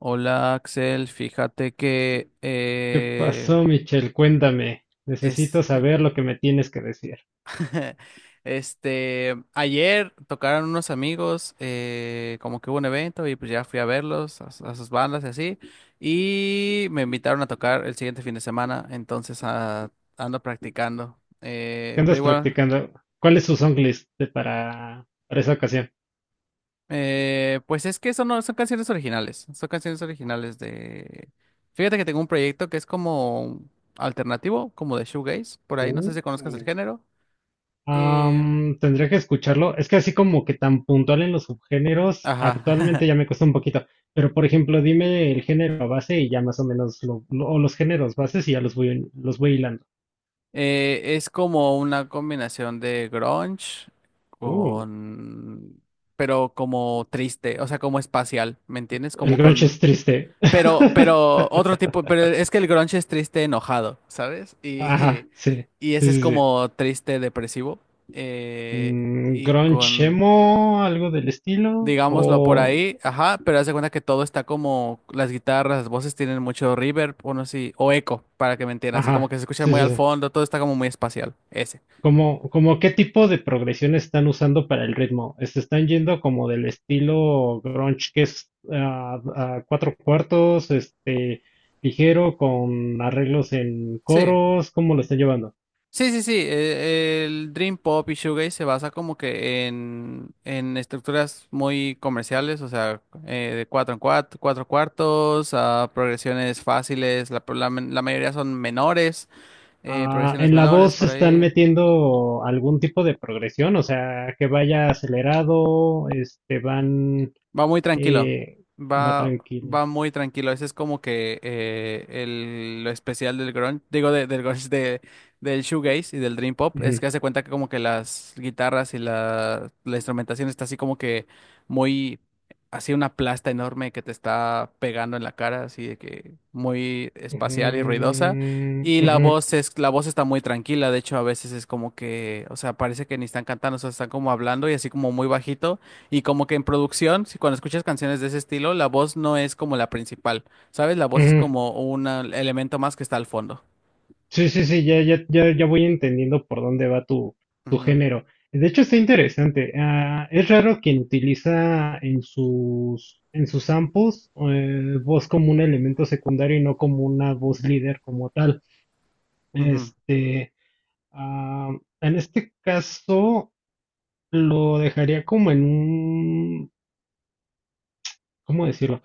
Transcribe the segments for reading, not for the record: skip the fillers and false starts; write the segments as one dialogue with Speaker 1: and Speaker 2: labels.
Speaker 1: Hola Axel, fíjate que
Speaker 2: ¿Qué pasó, Michelle? Cuéntame.
Speaker 1: es,
Speaker 2: Necesito saber lo que me tienes que decir.
Speaker 1: este ayer tocaron unos amigos, como que hubo un evento y pues ya fui a verlos, a sus bandas y así, y me invitaron a tocar el siguiente fin de semana. Ando practicando,
Speaker 2: ¿Qué
Speaker 1: pero
Speaker 2: andas
Speaker 1: igual,
Speaker 2: practicando? ¿Cuál es tu song de para esa ocasión?
Speaker 1: pues es que eso no son canciones originales, son canciones originales de, fíjate que tengo un proyecto que es como alternativo, como de shoegaze. Por ahí no
Speaker 2: Uh.
Speaker 1: sé si conozcas el género. Eh,
Speaker 2: Tendría que escucharlo. Es que así como que tan puntual en los subgéneros,
Speaker 1: ajá.
Speaker 2: actualmente ya me cuesta un poquito. Pero por ejemplo, dime el género base y ya más o menos o los géneros bases y ya los voy hilando.
Speaker 1: Es como una combinación de grunge
Speaker 2: Uh.
Speaker 1: con... pero como triste, o sea, como espacial, ¿me entiendes?
Speaker 2: El
Speaker 1: Como
Speaker 2: grunge
Speaker 1: con...
Speaker 2: es triste.
Speaker 1: Pero otro tipo, pero es que el grunge es triste enojado, ¿sabes? Y,
Speaker 2: Ajá, sí.
Speaker 1: y ese
Speaker 2: Sí,
Speaker 1: es
Speaker 2: sí, sí.
Speaker 1: como triste depresivo. eh,
Speaker 2: Mm,
Speaker 1: y
Speaker 2: grunge
Speaker 1: con...
Speaker 2: emo, algo del estilo, o,
Speaker 1: digámoslo por ahí, ajá, pero haz de cuenta que todo está como las guitarras, las voces tienen mucho reverb, o no sé, o eco, para que me entiendan, así como
Speaker 2: ajá,
Speaker 1: que se escucha
Speaker 2: sí,
Speaker 1: muy
Speaker 2: sí,
Speaker 1: al
Speaker 2: sí.
Speaker 1: fondo, todo está como muy espacial, ese.
Speaker 2: Como, como qué tipo de progresión están usando para el ritmo. ¿Se están yendo como del estilo grunge que es a cuatro cuartos, ligero, con arreglos en
Speaker 1: Sí.
Speaker 2: coros? ¿Cómo lo están llevando?
Speaker 1: Sí, sí, sí, el Dream Pop y Shoegaze se basa como que en estructuras muy comerciales, o sea, de cuatro en cuatro, cuatro cuartos, a progresiones fáciles, la mayoría son menores,
Speaker 2: Ah,
Speaker 1: progresiones
Speaker 2: ¿en la
Speaker 1: menores
Speaker 2: voz
Speaker 1: por
Speaker 2: están
Speaker 1: ahí.
Speaker 2: metiendo algún tipo de progresión? O sea, que vaya acelerado, van,
Speaker 1: Va muy tranquilo,
Speaker 2: eh, va
Speaker 1: va,
Speaker 2: tranquilo.
Speaker 1: va muy tranquilo. Ese es como que el, lo especial del grunge, digo del grunge de, del shoegaze y del dream pop, es que hace cuenta que como que las guitarras y la instrumentación está así como que muy, así una plasta enorme que te está pegando en la cara, así de que muy
Speaker 2: Ujú,
Speaker 1: espacial y ruidosa. Y la
Speaker 2: ujú,
Speaker 1: voz es, la voz está muy tranquila, de hecho a veces es como que, o sea, parece que ni están cantando, o sea, están como hablando y así como muy bajito. Y como que en producción, si cuando escuchas canciones de ese estilo, la voz no es como la principal, ¿sabes? La voz es
Speaker 2: ujú.
Speaker 1: como un elemento más que está al fondo.
Speaker 2: Sí, sí, sí, ya, ya, ya, ya voy entendiendo por dónde va tu
Speaker 1: Ujú,
Speaker 2: género. De hecho, está interesante. Ah, es raro quien utiliza en en sus samples voz como un elemento secundario y no como una voz líder como tal.
Speaker 1: ujú,
Speaker 2: Este, en este caso, lo dejaría como en un, ¿cómo decirlo?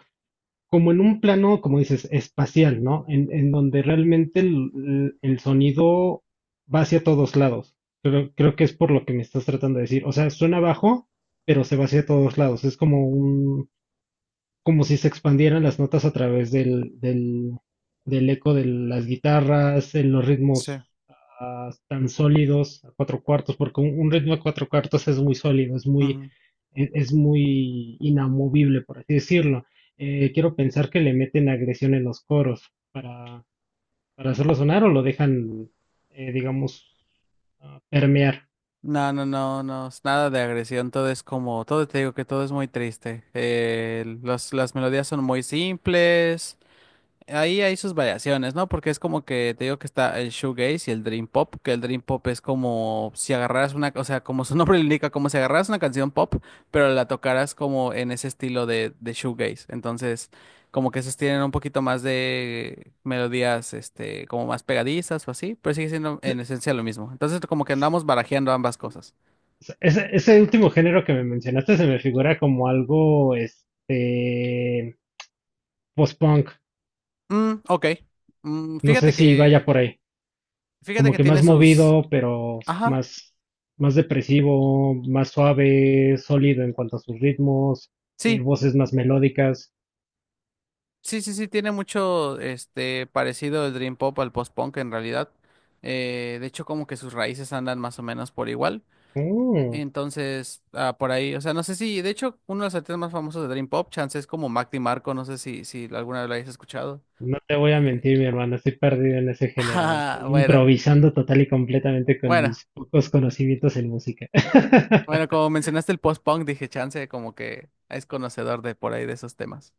Speaker 2: Como en un plano, como dices, espacial, ¿no? En donde realmente el sonido va hacia todos lados. Creo que es por lo que me estás tratando de decir. O sea, suena bajo, pero se va hacia todos lados. Es como un, como si se expandieran las notas a través del eco de las guitarras, en los
Speaker 1: sí.
Speaker 2: ritmos tan sólidos a cuatro cuartos, porque un ritmo a cuatro cuartos es muy sólido, es muy,
Speaker 1: Ujú.
Speaker 2: es muy inamovible, por así decirlo. Quiero pensar que le meten agresión en los coros para hacerlo sonar o lo dejan, digamos, permear.
Speaker 1: No, no, no, no, es nada de agresión, todo es como, todo te digo que todo es muy triste. Las melodías son muy simples. Ahí hay sus variaciones, ¿no? Porque es como que te digo que está el shoegaze y el dream pop, que el dream pop es como si agarraras una, o sea, como su nombre lo indica, como si agarraras una canción pop, pero la tocaras como en ese estilo de shoegaze. Entonces, como que esos tienen un poquito más de melodías, este, como más pegadizas o así, pero sigue siendo en esencia lo mismo. Entonces, como que andamos barajeando ambas cosas.
Speaker 2: Ese último género que me mencionaste se me figura como algo, post-punk.
Speaker 1: Mm, ok. Mm,
Speaker 2: No sé si vaya por ahí.
Speaker 1: fíjate
Speaker 2: Como
Speaker 1: que
Speaker 2: que más
Speaker 1: tiene sus,
Speaker 2: movido,
Speaker 1: ajá.
Speaker 2: más depresivo, más suave, sólido en cuanto a sus ritmos,
Speaker 1: Sí,
Speaker 2: voces más melódicas.
Speaker 1: sí, sí, sí, tiene mucho este parecido el Dream Pop al post-punk en realidad. De hecho, como que sus raíces andan más o menos por igual.
Speaker 2: Mm,
Speaker 1: Entonces, por ahí, o sea, no sé si, de hecho, uno de los artistas más famosos de Dream Pop, chance es como Mac DiMarco, no sé si, si alguna vez lo hayas escuchado.
Speaker 2: no te voy a mentir, mi hermano, estoy perdido en ese género.
Speaker 1: Ah,
Speaker 2: Estoy
Speaker 1: bueno,
Speaker 2: improvisando total y completamente con
Speaker 1: bueno,
Speaker 2: mis pocos conocimientos en música.
Speaker 1: bueno, como mencionaste el post-punk, dije chance, como que es conocedor de por ahí de esos temas.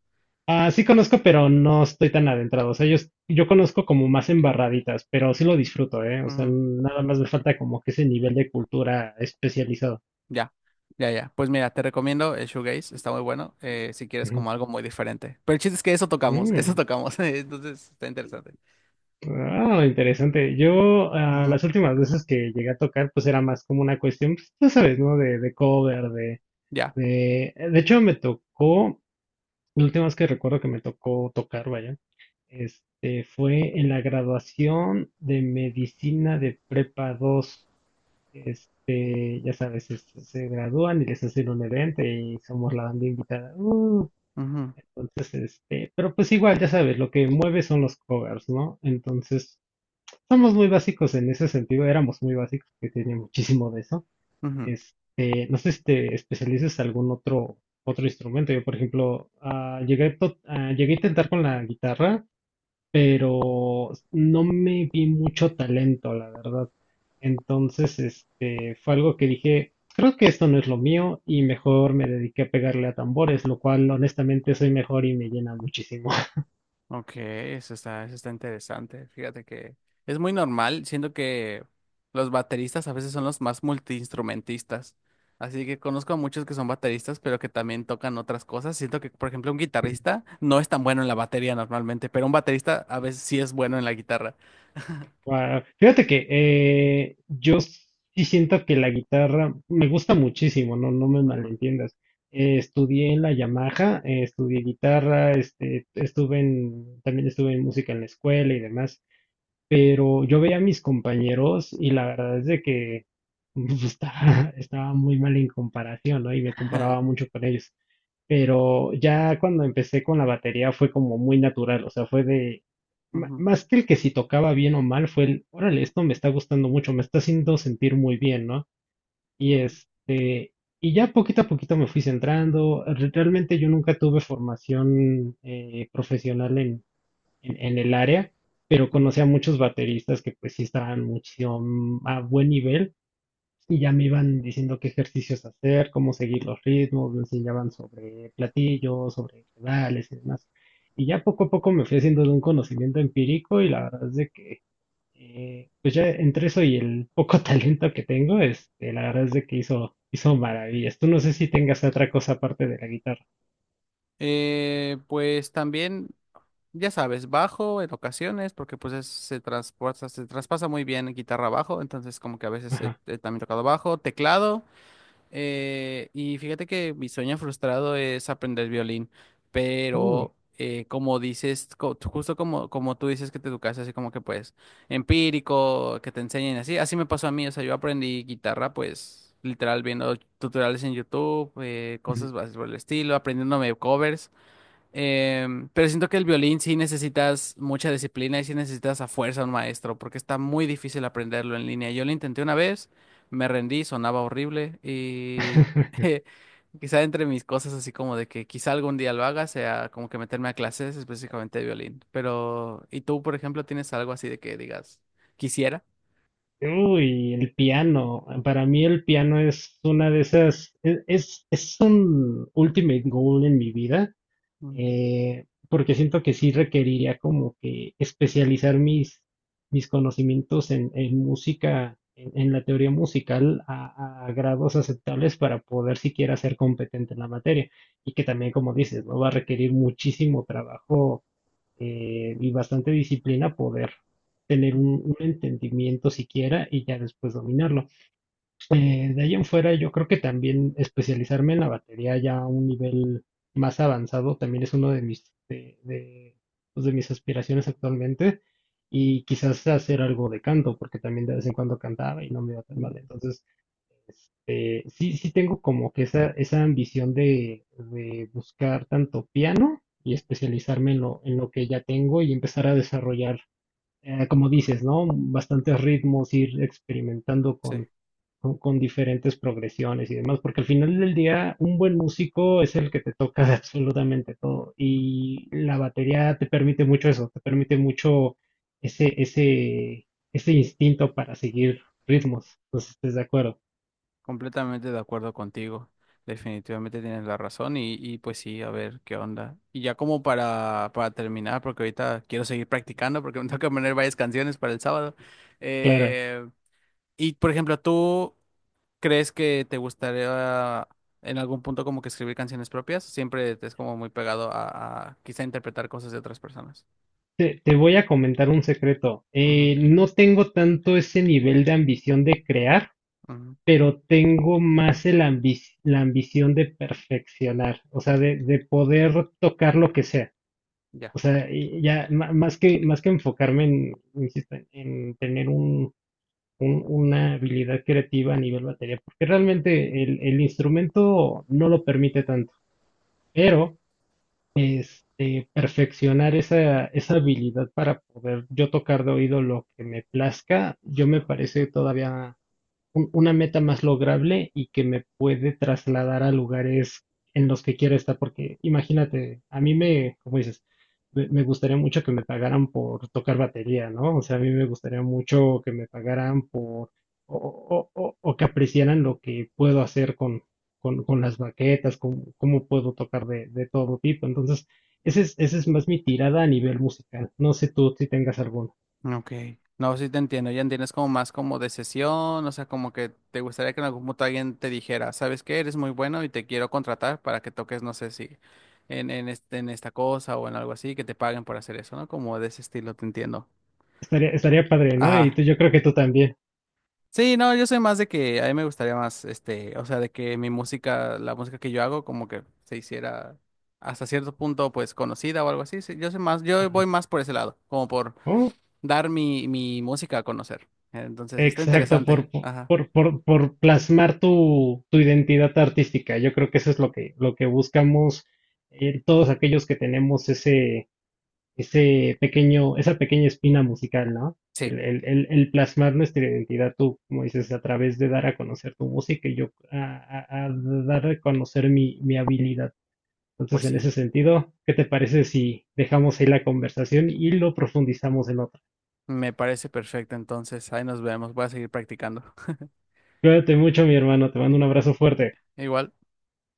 Speaker 2: Ah, sí conozco, pero no estoy tan adentrado. O sea, yo, yo conozco como más embarraditas, pero sí lo disfruto, ¿eh? O sea, nada más me falta como que ese nivel de cultura especializado.
Speaker 1: Ya, ya, ya. Pues mira, te recomiendo el Shoegaze, está muy bueno, si quieres como algo muy diferente. Pero el chiste es que eso
Speaker 2: Mm,
Speaker 1: tocamos, entonces está interesante.
Speaker 2: ah, interesante. Yo, ah,
Speaker 1: Ujú,
Speaker 2: las últimas veces que llegué a tocar, pues era más como una cuestión, pues, ya sabes, ¿no? De cover,
Speaker 1: ya.
Speaker 2: de... De hecho, la última vez que recuerdo que me tocó tocar, vaya, fue en la graduación de medicina de prepa dos. Ya sabes, se gradúan y les hacen un evento y somos la banda invitada.
Speaker 1: Ujú,
Speaker 2: Entonces, pero pues igual, ya sabes, lo que mueve son los covers, ¿no? Entonces, somos muy básicos en ese sentido, éramos muy básicos, que tenía muchísimo de eso.
Speaker 1: ujú.
Speaker 2: No sé si te especialices en algún otro, otro instrumento. Yo, por ejemplo, llegué a intentar con la guitarra, pero no me vi mucho talento, la verdad. Entonces, fue algo que dije, creo que esto no es lo mío y mejor me dediqué a pegarle a tambores, lo cual honestamente soy mejor y me llena muchísimo.
Speaker 1: Ok, eso está interesante. Fíjate que es muy normal, siento que los bateristas a veces son los más multiinstrumentistas. Así que conozco a muchos que son bateristas, pero que también tocan otras cosas. Siento que, por ejemplo, un guitarrista no es tan bueno en la batería normalmente, pero un baterista a veces sí es bueno en la guitarra.
Speaker 2: Guau. Fíjate que yo sí siento que la guitarra me gusta muchísimo, no me
Speaker 1: Ujú.
Speaker 2: malentiendas. Estudié en la Yamaha, estudié guitarra, estuve en, también estuve en música en la escuela y demás, pero yo veía a mis compañeros y la verdad es de que estaba muy mal en comparación, ¿no? Y me comparaba mucho con ellos, pero ya cuando empecé con la batería fue como muy natural, o sea, fue de,
Speaker 1: Ujú,
Speaker 2: más que el que si tocaba bien o mal, fue el, órale, esto me está gustando mucho, me está haciendo sentir muy bien, ¿no? Y y ya poquito a poquito me fui centrando, realmente yo nunca tuve formación profesional en el área, pero
Speaker 1: ujú.
Speaker 2: conocí a muchos bateristas que pues sí estaban muchísimo a buen nivel y ya me iban diciendo qué ejercicios hacer, cómo seguir los ritmos, me enseñaban sobre platillos, sobre pedales y demás. Y ya poco a poco me fui haciendo de un conocimiento empírico y la verdad es de que, pues ya entre eso y el poco talento que tengo, la verdad es de que hizo maravillas. Tú no sé si tengas otra cosa aparte de la guitarra.
Speaker 1: Pues también, ya sabes, bajo en ocasiones, porque pues se transporta, se traspasa muy bien guitarra bajo, entonces como que a veces
Speaker 2: Ajá.
Speaker 1: he también tocado bajo, teclado. Y fíjate que mi sueño frustrado es aprender violín,
Speaker 2: Uy.
Speaker 1: pero como dices, justo como, como tú dices que te educaste así como que pues empírico, que te enseñen así, así me pasó a mí, o sea, yo aprendí guitarra pues literal viendo tutoriales en YouTube,
Speaker 2: Ujú.
Speaker 1: cosas así por el estilo, aprendiéndome covers. Pero siento que el violín sí necesitas mucha disciplina y sí necesitas a fuerza un maestro, porque está muy difícil aprenderlo en línea. Yo lo intenté una vez, me rendí, sonaba horrible y quizá entre mis cosas así como de que quizá algún día lo haga sea como que meterme a clases específicamente de violín. Pero, ¿y tú, por ejemplo, tienes algo así de que digas, quisiera?
Speaker 2: Uy, el piano. Para mí el piano es una de esas, es un ultimate goal en mi vida.
Speaker 1: Mm,
Speaker 2: Porque siento que sí requeriría como que especializar mis conocimientos en música, en la teoría musical, a grados aceptables para poder siquiera ser competente en la materia. Y que también, como dices, ¿no? Va a requerir muchísimo trabajo, y bastante disciplina poder tener un entendimiento siquiera y ya después dominarlo. De ahí en fuera, yo creo que también especializarme en la batería ya a un nivel más avanzado también es uno de pues, de mis aspiraciones actualmente. Y quizás hacer algo de canto, porque también de vez en cuando cantaba y no me iba tan mal. Entonces, sí, sí tengo como que esa ambición de buscar tanto piano y especializarme en en lo que ya tengo y empezar a desarrollar, como dices, ¿no? Bastantes ritmos, ir experimentando
Speaker 1: sí.
Speaker 2: con diferentes progresiones y demás, porque al final del día un buen músico es el que te toca de absolutamente todo y la batería te permite mucho eso, te permite mucho ese, ese, ese instinto para seguir ritmos, no sé si estés de acuerdo,
Speaker 1: Completamente de acuerdo contigo. Definitivamente tienes la razón y pues sí, a ver qué onda. Y ya como para terminar, porque ahorita quiero seguir practicando porque me toca poner varias canciones para el sábado.
Speaker 2: claro.
Speaker 1: Eh, y por ejemplo, ¿tú crees que te gustaría en algún punto como que escribir canciones propias? Siempre te es como muy pegado a quizá interpretar cosas de otras personas.
Speaker 2: Te voy a comentar un secreto.
Speaker 1: Ujú,
Speaker 2: No tengo tanto ese nivel de ambición de crear,
Speaker 1: ujú,
Speaker 2: pero tengo más el la ambición de perfeccionar, o sea, de poder tocar lo que sea.
Speaker 1: ya.
Speaker 2: O sea, y ya más que enfocarme en, insisto, en tener un, una habilidad creativa a nivel batería, porque realmente el instrumento no lo permite tanto, pero perfeccionar esa, esa habilidad para poder yo tocar de oído lo que me plazca, yo me parece todavía una meta más lograble y que me puede trasladar a lugares en los que quiera estar, porque imagínate, como dices, me gustaría mucho que me pagaran por tocar batería, ¿no? O sea, a mí me gustaría mucho que me pagaran o que apreciaran lo que puedo hacer con las baquetas, cómo puedo tocar de todo tipo. Entonces, esa es más mi tirada a nivel musical. No sé tú si tengas alguno.
Speaker 1: Ok. No, sí te entiendo. Ya entiendes como más como de sesión, o sea, como que te gustaría que en algún punto alguien te dijera, ¿sabes qué? Eres muy bueno y te quiero contratar para que toques, no sé si este, en esta cosa o en algo así, que te paguen por hacer eso, ¿no? Como de ese estilo, te entiendo.
Speaker 2: Estaría padre, ¿no? Y
Speaker 1: Ajá.
Speaker 2: tú, yo creo que tú también.
Speaker 1: Sí, no, yo soy más de que a mí me gustaría más, este, o sea, de que mi música, la música que yo hago, como que se hiciera hasta cierto punto, pues, conocida o algo así. Sí, yo soy más, yo voy
Speaker 2: Ajá.
Speaker 1: más por ese lado, como por
Speaker 2: Oh.
Speaker 1: dar mi música a conocer. Entonces, está
Speaker 2: Exacto,
Speaker 1: interesante. Ajá.
Speaker 2: por plasmar tu identidad artística. Yo creo que eso es lo que buscamos, todos aquellos que tenemos ese pequeño, esa pequeña espina musical, ¿no?
Speaker 1: Sí,
Speaker 2: El plasmar nuestra identidad, tú, como dices, a través de dar a conocer tu música y yo a dar a conocer mi habilidad.
Speaker 1: pues
Speaker 2: Entonces, en
Speaker 1: sí.
Speaker 2: ese sentido, ¿qué te parece si dejamos ahí la conversación y lo profundizamos en otra?
Speaker 1: Me parece perfecto. Entonces, ahí nos vemos. Voy a seguir practicando.
Speaker 2: Cuídate mucho, mi hermano, te mando un abrazo fuerte.
Speaker 1: Igual.